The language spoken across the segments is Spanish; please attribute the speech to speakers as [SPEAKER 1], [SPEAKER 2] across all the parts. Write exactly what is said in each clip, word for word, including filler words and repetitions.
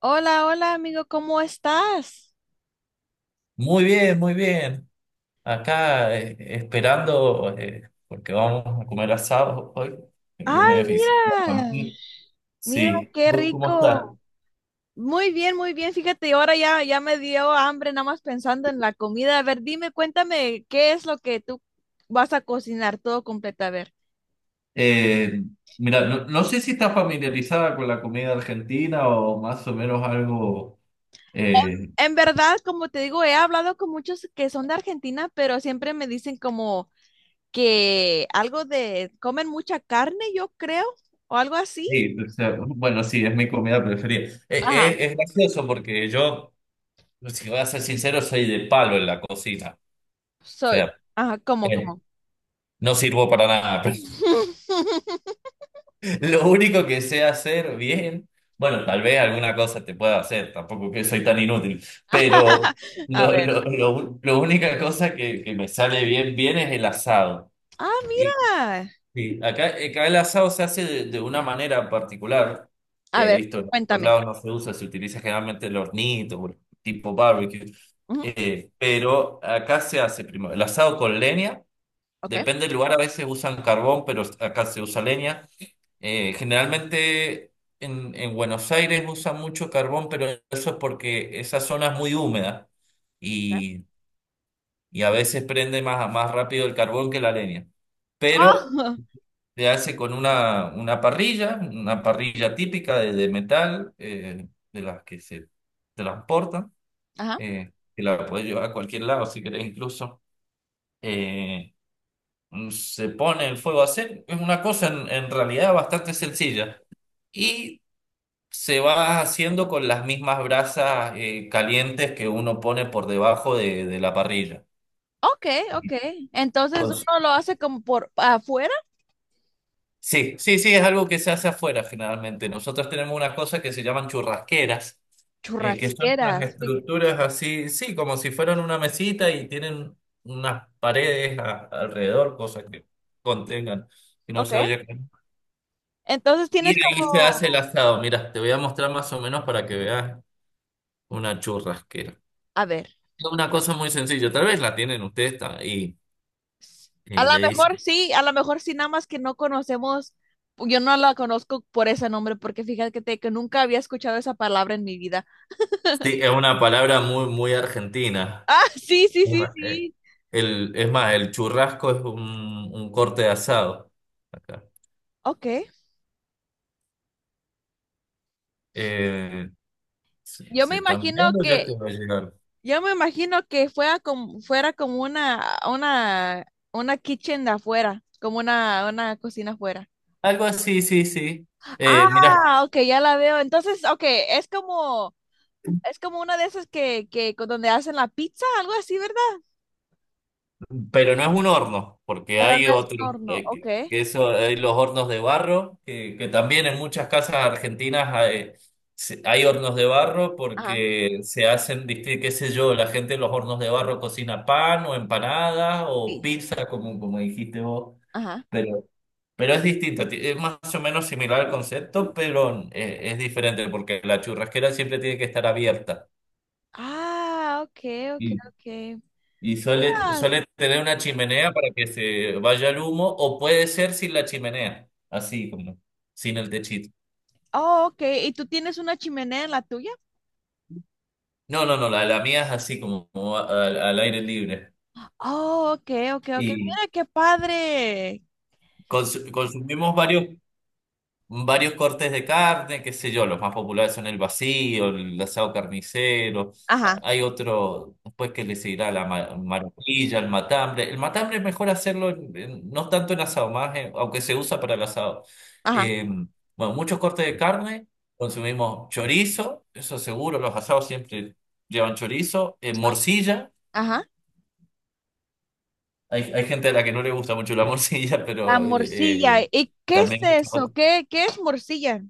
[SPEAKER 1] Hola, hola amigo, ¿cómo estás?
[SPEAKER 2] Muy bien, muy bien. Acá, eh, esperando, eh, porque vamos a comer asado hoy.
[SPEAKER 1] Ay,
[SPEAKER 2] Viene visitar
[SPEAKER 1] mira,
[SPEAKER 2] familia.
[SPEAKER 1] mira
[SPEAKER 2] Sí,
[SPEAKER 1] qué
[SPEAKER 2] ¿vos cómo estás?
[SPEAKER 1] rico. Muy bien, muy bien. Fíjate, ahora ya, ya me dio hambre nada más pensando en la comida. A ver, dime, cuéntame, ¿qué es lo que tú vas a cocinar todo completo? A ver,
[SPEAKER 2] Eh, Mira, no, no sé si estás familiarizada con la comida argentina o más o menos algo. eh,
[SPEAKER 1] en verdad, como te digo, he hablado con muchos que son de Argentina, pero siempre me dicen como que algo de, comen mucha carne, yo creo, o algo así.
[SPEAKER 2] sí, o sea, bueno, sí, es mi comida preferida. Eh, eh,
[SPEAKER 1] Ajá.
[SPEAKER 2] es gracioso porque yo, si voy a ser sincero, soy de palo en la cocina. O
[SPEAKER 1] Soy,
[SPEAKER 2] sea,
[SPEAKER 1] ajá, como,
[SPEAKER 2] eh,
[SPEAKER 1] como.
[SPEAKER 2] no sirvo para nada. Lo único que sé hacer bien, bueno, tal vez alguna cosa te pueda hacer, tampoco que soy tan inútil, pero
[SPEAKER 1] A
[SPEAKER 2] lo,
[SPEAKER 1] ver.
[SPEAKER 2] lo, lo- lo única cosa que, que me sale bien, bien es el asado.
[SPEAKER 1] Ah,
[SPEAKER 2] Y,
[SPEAKER 1] mira.
[SPEAKER 2] y acá, acá el asado se hace de, de una manera particular.
[SPEAKER 1] A
[SPEAKER 2] He
[SPEAKER 1] ver,
[SPEAKER 2] visto en otros
[SPEAKER 1] cuéntame.
[SPEAKER 2] lados no se usa, se utiliza generalmente el hornito, o el tipo barbecue.
[SPEAKER 1] Ujú.
[SPEAKER 2] Eh, pero acá se hace primero el asado con leña,
[SPEAKER 1] Ok.
[SPEAKER 2] depende del lugar, a veces usan carbón, pero acá se usa leña. Eh, generalmente en, en Buenos Aires usan mucho carbón, pero eso es porque esa zona es muy húmeda
[SPEAKER 1] Ok.
[SPEAKER 2] y, y a veces prende más, más rápido el carbón que la leña. Pero
[SPEAKER 1] Ah,
[SPEAKER 2] se hace con una, una parrilla, una parrilla típica de, de metal, eh, de las que se transportan,
[SPEAKER 1] ajá.
[SPEAKER 2] eh, que la puedes llevar a cualquier lado si querés incluso. Eh, Se pone el fuego a hacer, es una cosa en en realidad bastante sencilla. Y se va haciendo con las mismas brasas eh, calientes que uno pone por debajo de, de la parrilla.
[SPEAKER 1] Ok, ok. Entonces
[SPEAKER 2] Con su-
[SPEAKER 1] uno lo hace como por afuera,
[SPEAKER 2] Sí, sí, sí, es algo que se hace afuera generalmente. Nosotros tenemos una cosa que se llaman churrasqueras, eh, que son unas
[SPEAKER 1] churrasqueras. fí-
[SPEAKER 2] estructuras así, sí, como si fueran una mesita y tienen unas paredes a- alrededor, cosas que contengan, que no
[SPEAKER 1] Ok.
[SPEAKER 2] se oye.
[SPEAKER 1] Entonces
[SPEAKER 2] Y
[SPEAKER 1] tienes
[SPEAKER 2] ahí se hace el
[SPEAKER 1] como,
[SPEAKER 2] asado. Mira, te voy a mostrar más o menos para que veas una churrasquera.
[SPEAKER 1] a ver,
[SPEAKER 2] Es una cosa muy sencilla, tal vez la tienen ustedes ta- y,
[SPEAKER 1] s- a
[SPEAKER 2] y
[SPEAKER 1] lo
[SPEAKER 2] le
[SPEAKER 1] mejor
[SPEAKER 2] dicen.
[SPEAKER 1] sí, a lo mejor sí, nada más que no conocemos, yo no la conozco por ese nombre, porque fíjate que, que nunca había escuchado esa palabra en mi vida.
[SPEAKER 2] Sí, es una palabra muy, muy argentina.
[SPEAKER 1] Ah, sí, sí,
[SPEAKER 2] Es
[SPEAKER 1] sí,
[SPEAKER 2] más, eh,
[SPEAKER 1] sí.
[SPEAKER 2] El, es más, el churrasco es un, un corte de asado. Acá.
[SPEAKER 1] Ok.
[SPEAKER 2] Eh, se,
[SPEAKER 1] Yo
[SPEAKER 2] se
[SPEAKER 1] me
[SPEAKER 2] están
[SPEAKER 1] imagino
[SPEAKER 2] viendo, ya te
[SPEAKER 1] que,
[SPEAKER 2] va a llegar.
[SPEAKER 1] Yo me imagino que fuera como, fuera como una, una, una kitchen de afuera, como una, una cocina afuera.
[SPEAKER 2] Algo así, sí, sí. Eh, mira,
[SPEAKER 1] Ah, ok, ya la veo. Entonces, ok, es como, es como una de esas que, que con donde hacen la pizza, algo así, ¿verdad?
[SPEAKER 2] pero no es un horno, porque hay otros,
[SPEAKER 1] Horno,
[SPEAKER 2] eh,
[SPEAKER 1] ok.
[SPEAKER 2] que que eso, hay los hornos de barro, que, que también en muchas casas argentinas hay, se- hay hornos de barro
[SPEAKER 1] Ajá,
[SPEAKER 2] porque se hacen, diste qué sé yo, la gente en los hornos de barro cocina pan o empanadas o
[SPEAKER 1] sí,
[SPEAKER 2] pizza, como, como dijiste vos,
[SPEAKER 1] ajá.
[SPEAKER 2] pero, pero es distinto, ti- es más o menos similar al concepto, pero eh, es diferente porque la churrasquera siempre tiene que estar abierta.
[SPEAKER 1] Ah, ok, ok, ok.
[SPEAKER 2] Y suele,
[SPEAKER 1] Mira,
[SPEAKER 2] suele tener una chimenea para que se vaya el humo, o puede ser sin la chimenea, así como, sin el techito.
[SPEAKER 1] oh, ok, ¿y tú tienes una chimenea en la tuya?
[SPEAKER 2] No, no, no, la, la mía es así como, como a- al, al aire libre.
[SPEAKER 1] Oh, ok, ok, ok.
[SPEAKER 2] Y
[SPEAKER 1] Mira qué padre.
[SPEAKER 2] cons- consumimos varios. varios cortes de carne, qué sé yo, los más populares son el vacío, el asado carnicero,
[SPEAKER 1] Ajá,
[SPEAKER 2] a- hay otro, después que le seguirá la ma- maracuyá, el matambre. El matambre es mejor hacerlo, en- en- no tanto en asado, más en- aunque se usa para el asado.
[SPEAKER 1] ajá,
[SPEAKER 2] Eh, bueno, muchos cortes de carne, consumimos chorizo, eso seguro, los asados siempre llevan chorizo, eh, morcilla,
[SPEAKER 1] ajá.
[SPEAKER 2] hay, hay gente a la que no le gusta mucho la morcilla.
[SPEAKER 1] La
[SPEAKER 2] Pero eh,
[SPEAKER 1] morcilla.
[SPEAKER 2] eh,
[SPEAKER 1] ¿Y qué es
[SPEAKER 2] también...
[SPEAKER 1] eso? ¿Qué, qué es morcilla?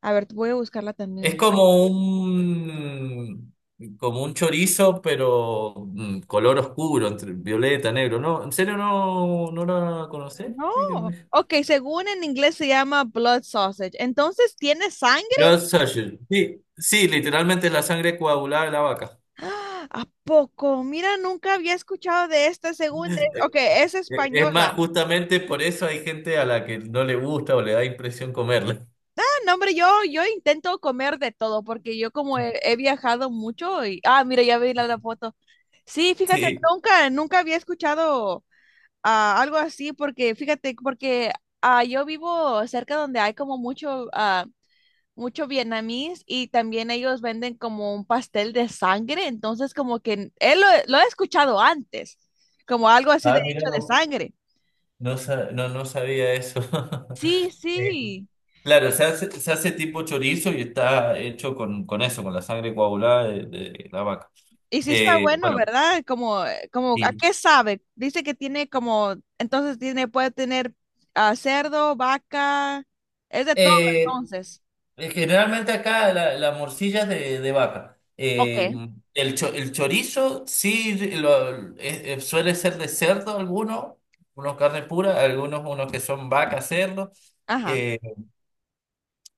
[SPEAKER 1] A ver, voy a buscarla
[SPEAKER 2] Es
[SPEAKER 1] también.
[SPEAKER 2] como un, como un chorizo, pero mm, color oscuro, entre violeta, negro. No, ¿en serio no, no la conocés?
[SPEAKER 1] No.
[SPEAKER 2] Dígame.
[SPEAKER 1] Ok, según en inglés se llama blood sausage. Entonces, ¿tiene sangre?
[SPEAKER 2] Blood sausage. Sí, sí, literalmente la sangre coagulada de la vaca.
[SPEAKER 1] ¡Ah! ¿A poco? Mira, nunca había escuchado de esta según. es- Ok,
[SPEAKER 2] Eh,
[SPEAKER 1] es
[SPEAKER 2] eh, Es más,
[SPEAKER 1] española.
[SPEAKER 2] justamente por eso hay gente a la que no le gusta o le da impresión comerla.
[SPEAKER 1] Ah, no, hombre, yo, yo intento comer de todo porque yo como he, he viajado mucho y... Ah, mira, ya vi la, la foto. Sí, fíjate,
[SPEAKER 2] Sí.
[SPEAKER 1] nunca, nunca había escuchado. Ah, algo así, porque fíjate, porque ah, yo vivo cerca donde hay como mucho, ah, mucho vietnamís y también ellos venden como un pastel de sangre, entonces como que n- él lo, lo he escuchado antes, como algo así de
[SPEAKER 2] Ah, mira
[SPEAKER 1] hecho de
[SPEAKER 2] vos.
[SPEAKER 1] sangre.
[SPEAKER 2] No, sa- no, no sabía eso.
[SPEAKER 1] Sí, sí.
[SPEAKER 2] Claro, se hace, se hace tipo chorizo y está hecho con, con eso, con la sangre coagulada de, de la vaca.
[SPEAKER 1] Y sí está
[SPEAKER 2] Eh,
[SPEAKER 1] bueno,
[SPEAKER 2] bueno,
[SPEAKER 1] ¿verdad? Como, eh, como, ¿a
[SPEAKER 2] sí.
[SPEAKER 1] qué sabe? Dice que tiene como, entonces tiene, puede tener ah, cerdo, vaca, es de todo
[SPEAKER 2] Eh,
[SPEAKER 1] entonces.
[SPEAKER 2] eh, generalmente acá la, la morcilla es de, de vaca. Eh,
[SPEAKER 1] Ok.
[SPEAKER 2] el, cho- el chorizo sí lo- eh, eh, suele ser de cerdo algunos, unos carne pura, algunos unos que son vaca, cerdo.
[SPEAKER 1] Ajá.
[SPEAKER 2] Eh,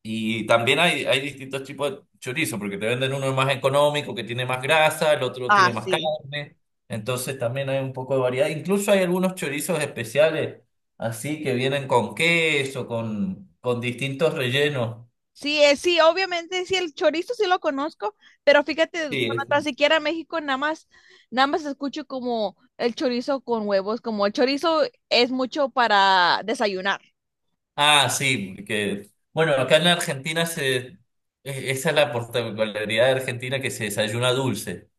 [SPEAKER 2] Y también hay, hay distintos tipos de chorizo, porque te venden uno más económico, que tiene más grasa, el otro
[SPEAKER 1] Ah,
[SPEAKER 2] tiene más
[SPEAKER 1] sí.
[SPEAKER 2] carne. Entonces también hay un poco de variedad. Incluso hay algunos chorizos especiales, así que vienen con queso, con, con distintos rellenos.
[SPEAKER 1] Sí, eh, sí, obviamente, sí, el chorizo sí lo conozco, pero fíjate, bueno,
[SPEAKER 2] Sí. es-
[SPEAKER 1] tan siquiera México nada más, nada más escucho como el chorizo con huevos, como el chorizo es mucho para desayunar.
[SPEAKER 2] Ah, sí, que bueno, acá en la Argentina se, e- esa es la particularidad de Argentina que se desayuna dulce.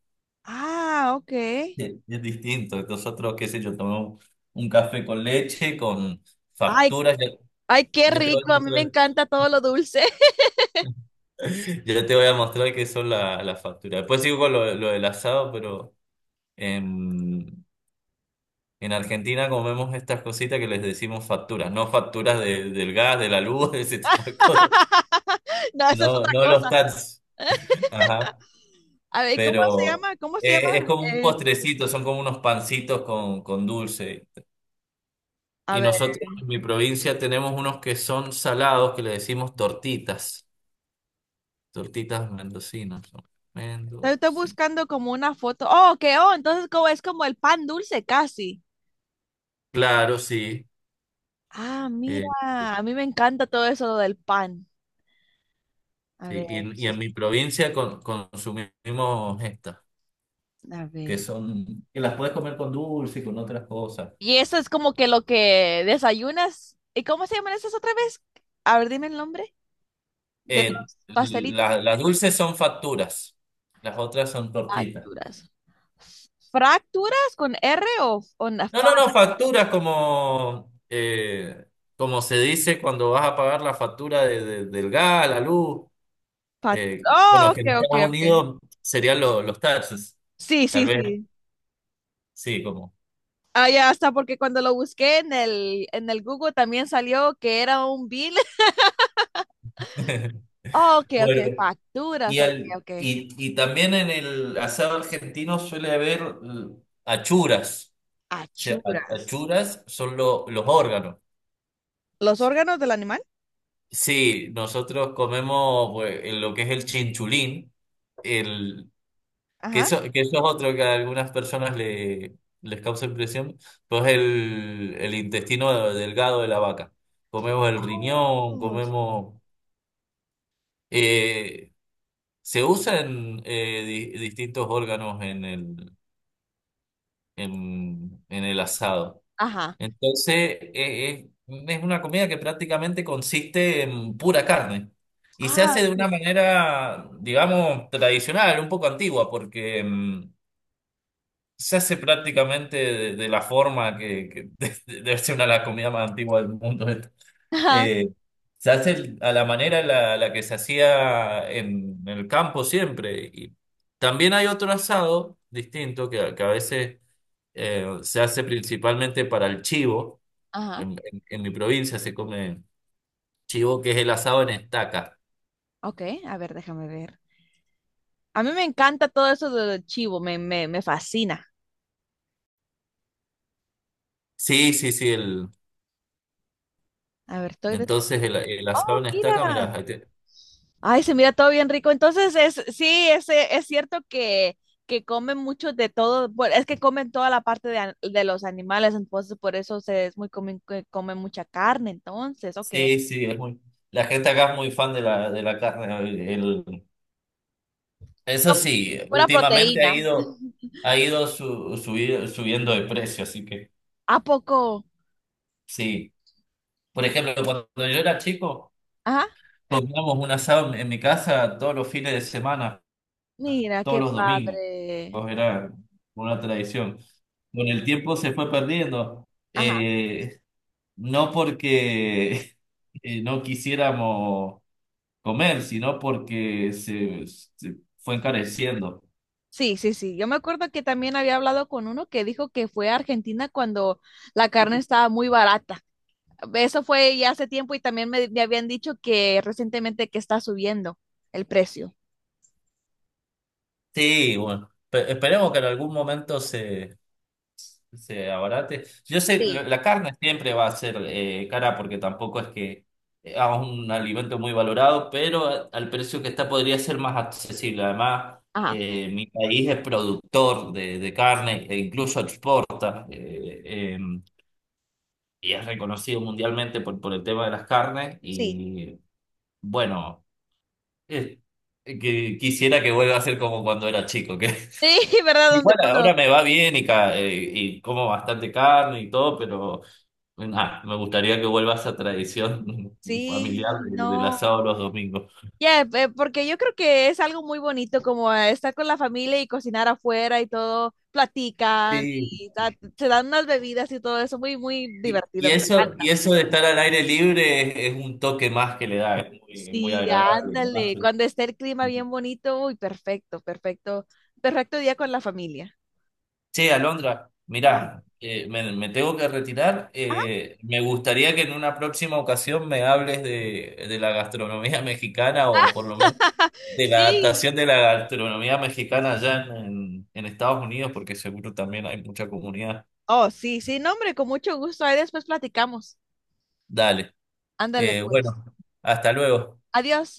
[SPEAKER 1] Ah, ok.
[SPEAKER 2] Sí, es distinto. Nosotros, qué sé yo, tomamos un café con leche, con
[SPEAKER 1] Ay,
[SPEAKER 2] facturas.
[SPEAKER 1] ay, qué
[SPEAKER 2] Ya te voy a
[SPEAKER 1] rico, a mí me
[SPEAKER 2] mostrar,
[SPEAKER 1] encanta todo lo dulce.
[SPEAKER 2] ya te voy a mostrar qué son la- las facturas. Después sigo con lo, lo del asado, pero en, en Argentina comemos estas cositas que les decimos facturas, no facturas de- del gas, de la luz, de ese tipo de cosas.
[SPEAKER 1] No, esa es
[SPEAKER 2] No,
[SPEAKER 1] otra
[SPEAKER 2] no los
[SPEAKER 1] cosa.
[SPEAKER 2] tats. Ajá.
[SPEAKER 1] A ver, ¿cómo se
[SPEAKER 2] Pero
[SPEAKER 1] llama? ¿Cómo se
[SPEAKER 2] eh, es
[SPEAKER 1] llama?
[SPEAKER 2] como un
[SPEAKER 1] Eh,
[SPEAKER 2] postrecito, son como unos pancitos con, con dulce.
[SPEAKER 1] a
[SPEAKER 2] Y
[SPEAKER 1] ver,
[SPEAKER 2] nosotros
[SPEAKER 1] estoy,
[SPEAKER 2] en mi provincia tenemos unos que son salados que le decimos tortitas. Tortitas mendocinas son.
[SPEAKER 1] estoy
[SPEAKER 2] Mendocinas.
[SPEAKER 1] buscando como una foto. Oh, ok, oh, entonces como es como el pan dulce casi.
[SPEAKER 2] Claro, sí.
[SPEAKER 1] Ah, mira,
[SPEAKER 2] Eh,
[SPEAKER 1] a mí me encanta todo eso lo del pan. A ver,
[SPEAKER 2] sí, y, y
[SPEAKER 1] eso
[SPEAKER 2] en
[SPEAKER 1] es-
[SPEAKER 2] mi provincia con- consumimos estas,
[SPEAKER 1] a
[SPEAKER 2] que
[SPEAKER 1] ver.
[SPEAKER 2] son, que las puedes comer con dulce y con otras cosas.
[SPEAKER 1] Y eso es como que lo que desayunas. ¿Y cómo se llaman esas otra vez? A ver, dime el nombre de
[SPEAKER 2] Eh,
[SPEAKER 1] los pastelitos.
[SPEAKER 2] la- las dulces son facturas, las otras son tortitas.
[SPEAKER 1] Facturas. ¿Fracturas con R o, o na-
[SPEAKER 2] No, no, no,
[SPEAKER 1] factura?
[SPEAKER 2] facturas como, eh, como se dice cuando vas a pagar la factura de- de- del gas, la luz.
[SPEAKER 1] Fac-
[SPEAKER 2] Eh,
[SPEAKER 1] Oh,
[SPEAKER 2] bueno,
[SPEAKER 1] ok,
[SPEAKER 2] que en
[SPEAKER 1] ok,
[SPEAKER 2] Estados
[SPEAKER 1] ok.
[SPEAKER 2] Unidos serían lo- los taxes,
[SPEAKER 1] Sí,
[SPEAKER 2] tal
[SPEAKER 1] sí,
[SPEAKER 2] vez,
[SPEAKER 1] sí.
[SPEAKER 2] sí, como.
[SPEAKER 1] Ah, ya hasta porque cuando lo busqué en el, en el Google también salió que era un bill. Oh, ok, ok.
[SPEAKER 2] Bueno. Y,
[SPEAKER 1] Facturas, ok,
[SPEAKER 2] al,
[SPEAKER 1] ok.
[SPEAKER 2] y, y también en el asado argentino suele haber eh, achuras. O sea, a-
[SPEAKER 1] Achuras.
[SPEAKER 2] achuras son lo- los órganos.
[SPEAKER 1] Los órganos del animal,
[SPEAKER 2] Sí, nosotros comemos pues, en lo que es el chinchulín, el, que
[SPEAKER 1] ajá.
[SPEAKER 2] eso, que eso es otro que a algunas personas le, les causa impresión, pues el, el intestino delgado de la vaca. Comemos el riñón,
[SPEAKER 1] Ojos.
[SPEAKER 2] comemos... eh, se usan eh, di- distintos órganos en el, en, en el asado.
[SPEAKER 1] Ajá.
[SPEAKER 2] Entonces, eh, eh, es una comida que prácticamente consiste en pura carne y se
[SPEAKER 1] Ah,
[SPEAKER 2] hace de una
[SPEAKER 1] sí.
[SPEAKER 2] manera, digamos, tradicional, un poco antigua, porque mm, se hace prácticamente de, de la forma que, que debe ser una de las comidas más antiguas del mundo, esta.
[SPEAKER 1] Ajá. Sí.
[SPEAKER 2] Eh, Se hace a la manera en la, la que se hacía en, el campo siempre. Y también hay otro asado distinto que, que a veces eh, se hace principalmente para el chivo.
[SPEAKER 1] Ajá.
[SPEAKER 2] En, en- en- mi provincia se come chivo, que es el asado en estaca.
[SPEAKER 1] Ok, a ver, déjame ver. A mí me encanta todo eso del chivo, me, me, me fascina.
[SPEAKER 2] Sí, sí, sí, el,
[SPEAKER 1] A ver, estoy de...
[SPEAKER 2] entonces el, el asado
[SPEAKER 1] Oh,
[SPEAKER 2] en estaca, mira,
[SPEAKER 1] mira.
[SPEAKER 2] ahí te-
[SPEAKER 1] Ay, se mira todo bien rico. Entonces, es, sí, es, eh, es cierto que, que comen mucho de todo, bueno, es que comen toda la parte de, an- de los animales, entonces por eso se, es muy común que comen mucha carne, entonces, ok.
[SPEAKER 2] sí, sí, es muy, la gente acá es muy fan de la, de la carne. el- el- Eso sí,
[SPEAKER 1] Pura
[SPEAKER 2] últimamente ha
[SPEAKER 1] proteína.
[SPEAKER 2] ido, ha ido su- subi- subiendo de precio, así que
[SPEAKER 1] ¿A poco?
[SPEAKER 2] sí. Por ejemplo, cuando yo era chico,
[SPEAKER 1] Ajá.
[SPEAKER 2] comíamos un asado en en mi casa todos los fines de semana,
[SPEAKER 1] Mira,
[SPEAKER 2] todos
[SPEAKER 1] qué
[SPEAKER 2] los domingos.
[SPEAKER 1] padre.
[SPEAKER 2] Era una tradición. Con el tiempo se fue perdiendo,
[SPEAKER 1] Ajá.
[SPEAKER 2] eh, no porque eh, no quisiéramos comer, sino porque se, se fue encareciendo.
[SPEAKER 1] Sí, sí, sí. Yo me acuerdo que también había hablado con uno que dijo que fue a Argentina cuando la carne estaba muy barata. Eso fue ya hace tiempo y también me, me habían dicho que recientemente que está subiendo el precio.
[SPEAKER 2] Sí, bueno, pe- esperemos que en algún momento se, se abarate. Yo sé, la
[SPEAKER 1] Sí.
[SPEAKER 2] la carne siempre va a ser eh, cara porque tampoco es que es un alimento muy valorado, pero a- al precio que está podría ser más accesible. Además,
[SPEAKER 1] Ajá.
[SPEAKER 2] eh, mi país es productor de, de carne e incluso exporta. Eh, eh, y es reconocido mundialmente por, por el tema de las carnes
[SPEAKER 1] Sí.
[SPEAKER 2] y bueno, eh, que quisiera que vuelva a ser como cuando era chico, que
[SPEAKER 1] Sí, ¿verdad? Donde
[SPEAKER 2] igual
[SPEAKER 1] cuando.
[SPEAKER 2] ahora me va bien y, ca- eh, y como bastante carne y todo, pero... Ah, me gustaría que vuelva esa tradición familiar
[SPEAKER 1] Sí,
[SPEAKER 2] de- del asado
[SPEAKER 1] no.
[SPEAKER 2] los domingos.
[SPEAKER 1] Ya, eh, porque yo creo que es algo muy bonito como eh, estar con la familia y cocinar afuera y todo, platican
[SPEAKER 2] Sí,
[SPEAKER 1] y da- se dan unas bebidas y todo eso, muy, muy
[SPEAKER 2] Y, y
[SPEAKER 1] divertido, me
[SPEAKER 2] eso, y
[SPEAKER 1] encanta.
[SPEAKER 2] eso de estar al aire libre es, es un toque más que le da, es muy, muy
[SPEAKER 1] Sí,
[SPEAKER 2] agradable. Además.
[SPEAKER 1] ándale,
[SPEAKER 2] eh.
[SPEAKER 1] cuando esté el clima bien bonito, uy, perfecto, perfecto, perfecto día con la familia.
[SPEAKER 2] Che, Alondra,
[SPEAKER 1] Ajá,
[SPEAKER 2] mirá, eh, me, me tengo que retirar.
[SPEAKER 1] ajá.
[SPEAKER 2] Eh, me gustaría que en una próxima ocasión me hables de, de la gastronomía mexicana o por lo menos de la
[SPEAKER 1] Sí,
[SPEAKER 2] adaptación de la gastronomía mexicana allá en, en en Estados Unidos, porque seguro también hay mucha comunidad.
[SPEAKER 1] oh, sí, sí, no, hombre, con mucho gusto, ahí después platicamos.
[SPEAKER 2] Dale.
[SPEAKER 1] Ándale,
[SPEAKER 2] Eh,
[SPEAKER 1] pues.
[SPEAKER 2] bueno, hasta luego.
[SPEAKER 1] Adiós.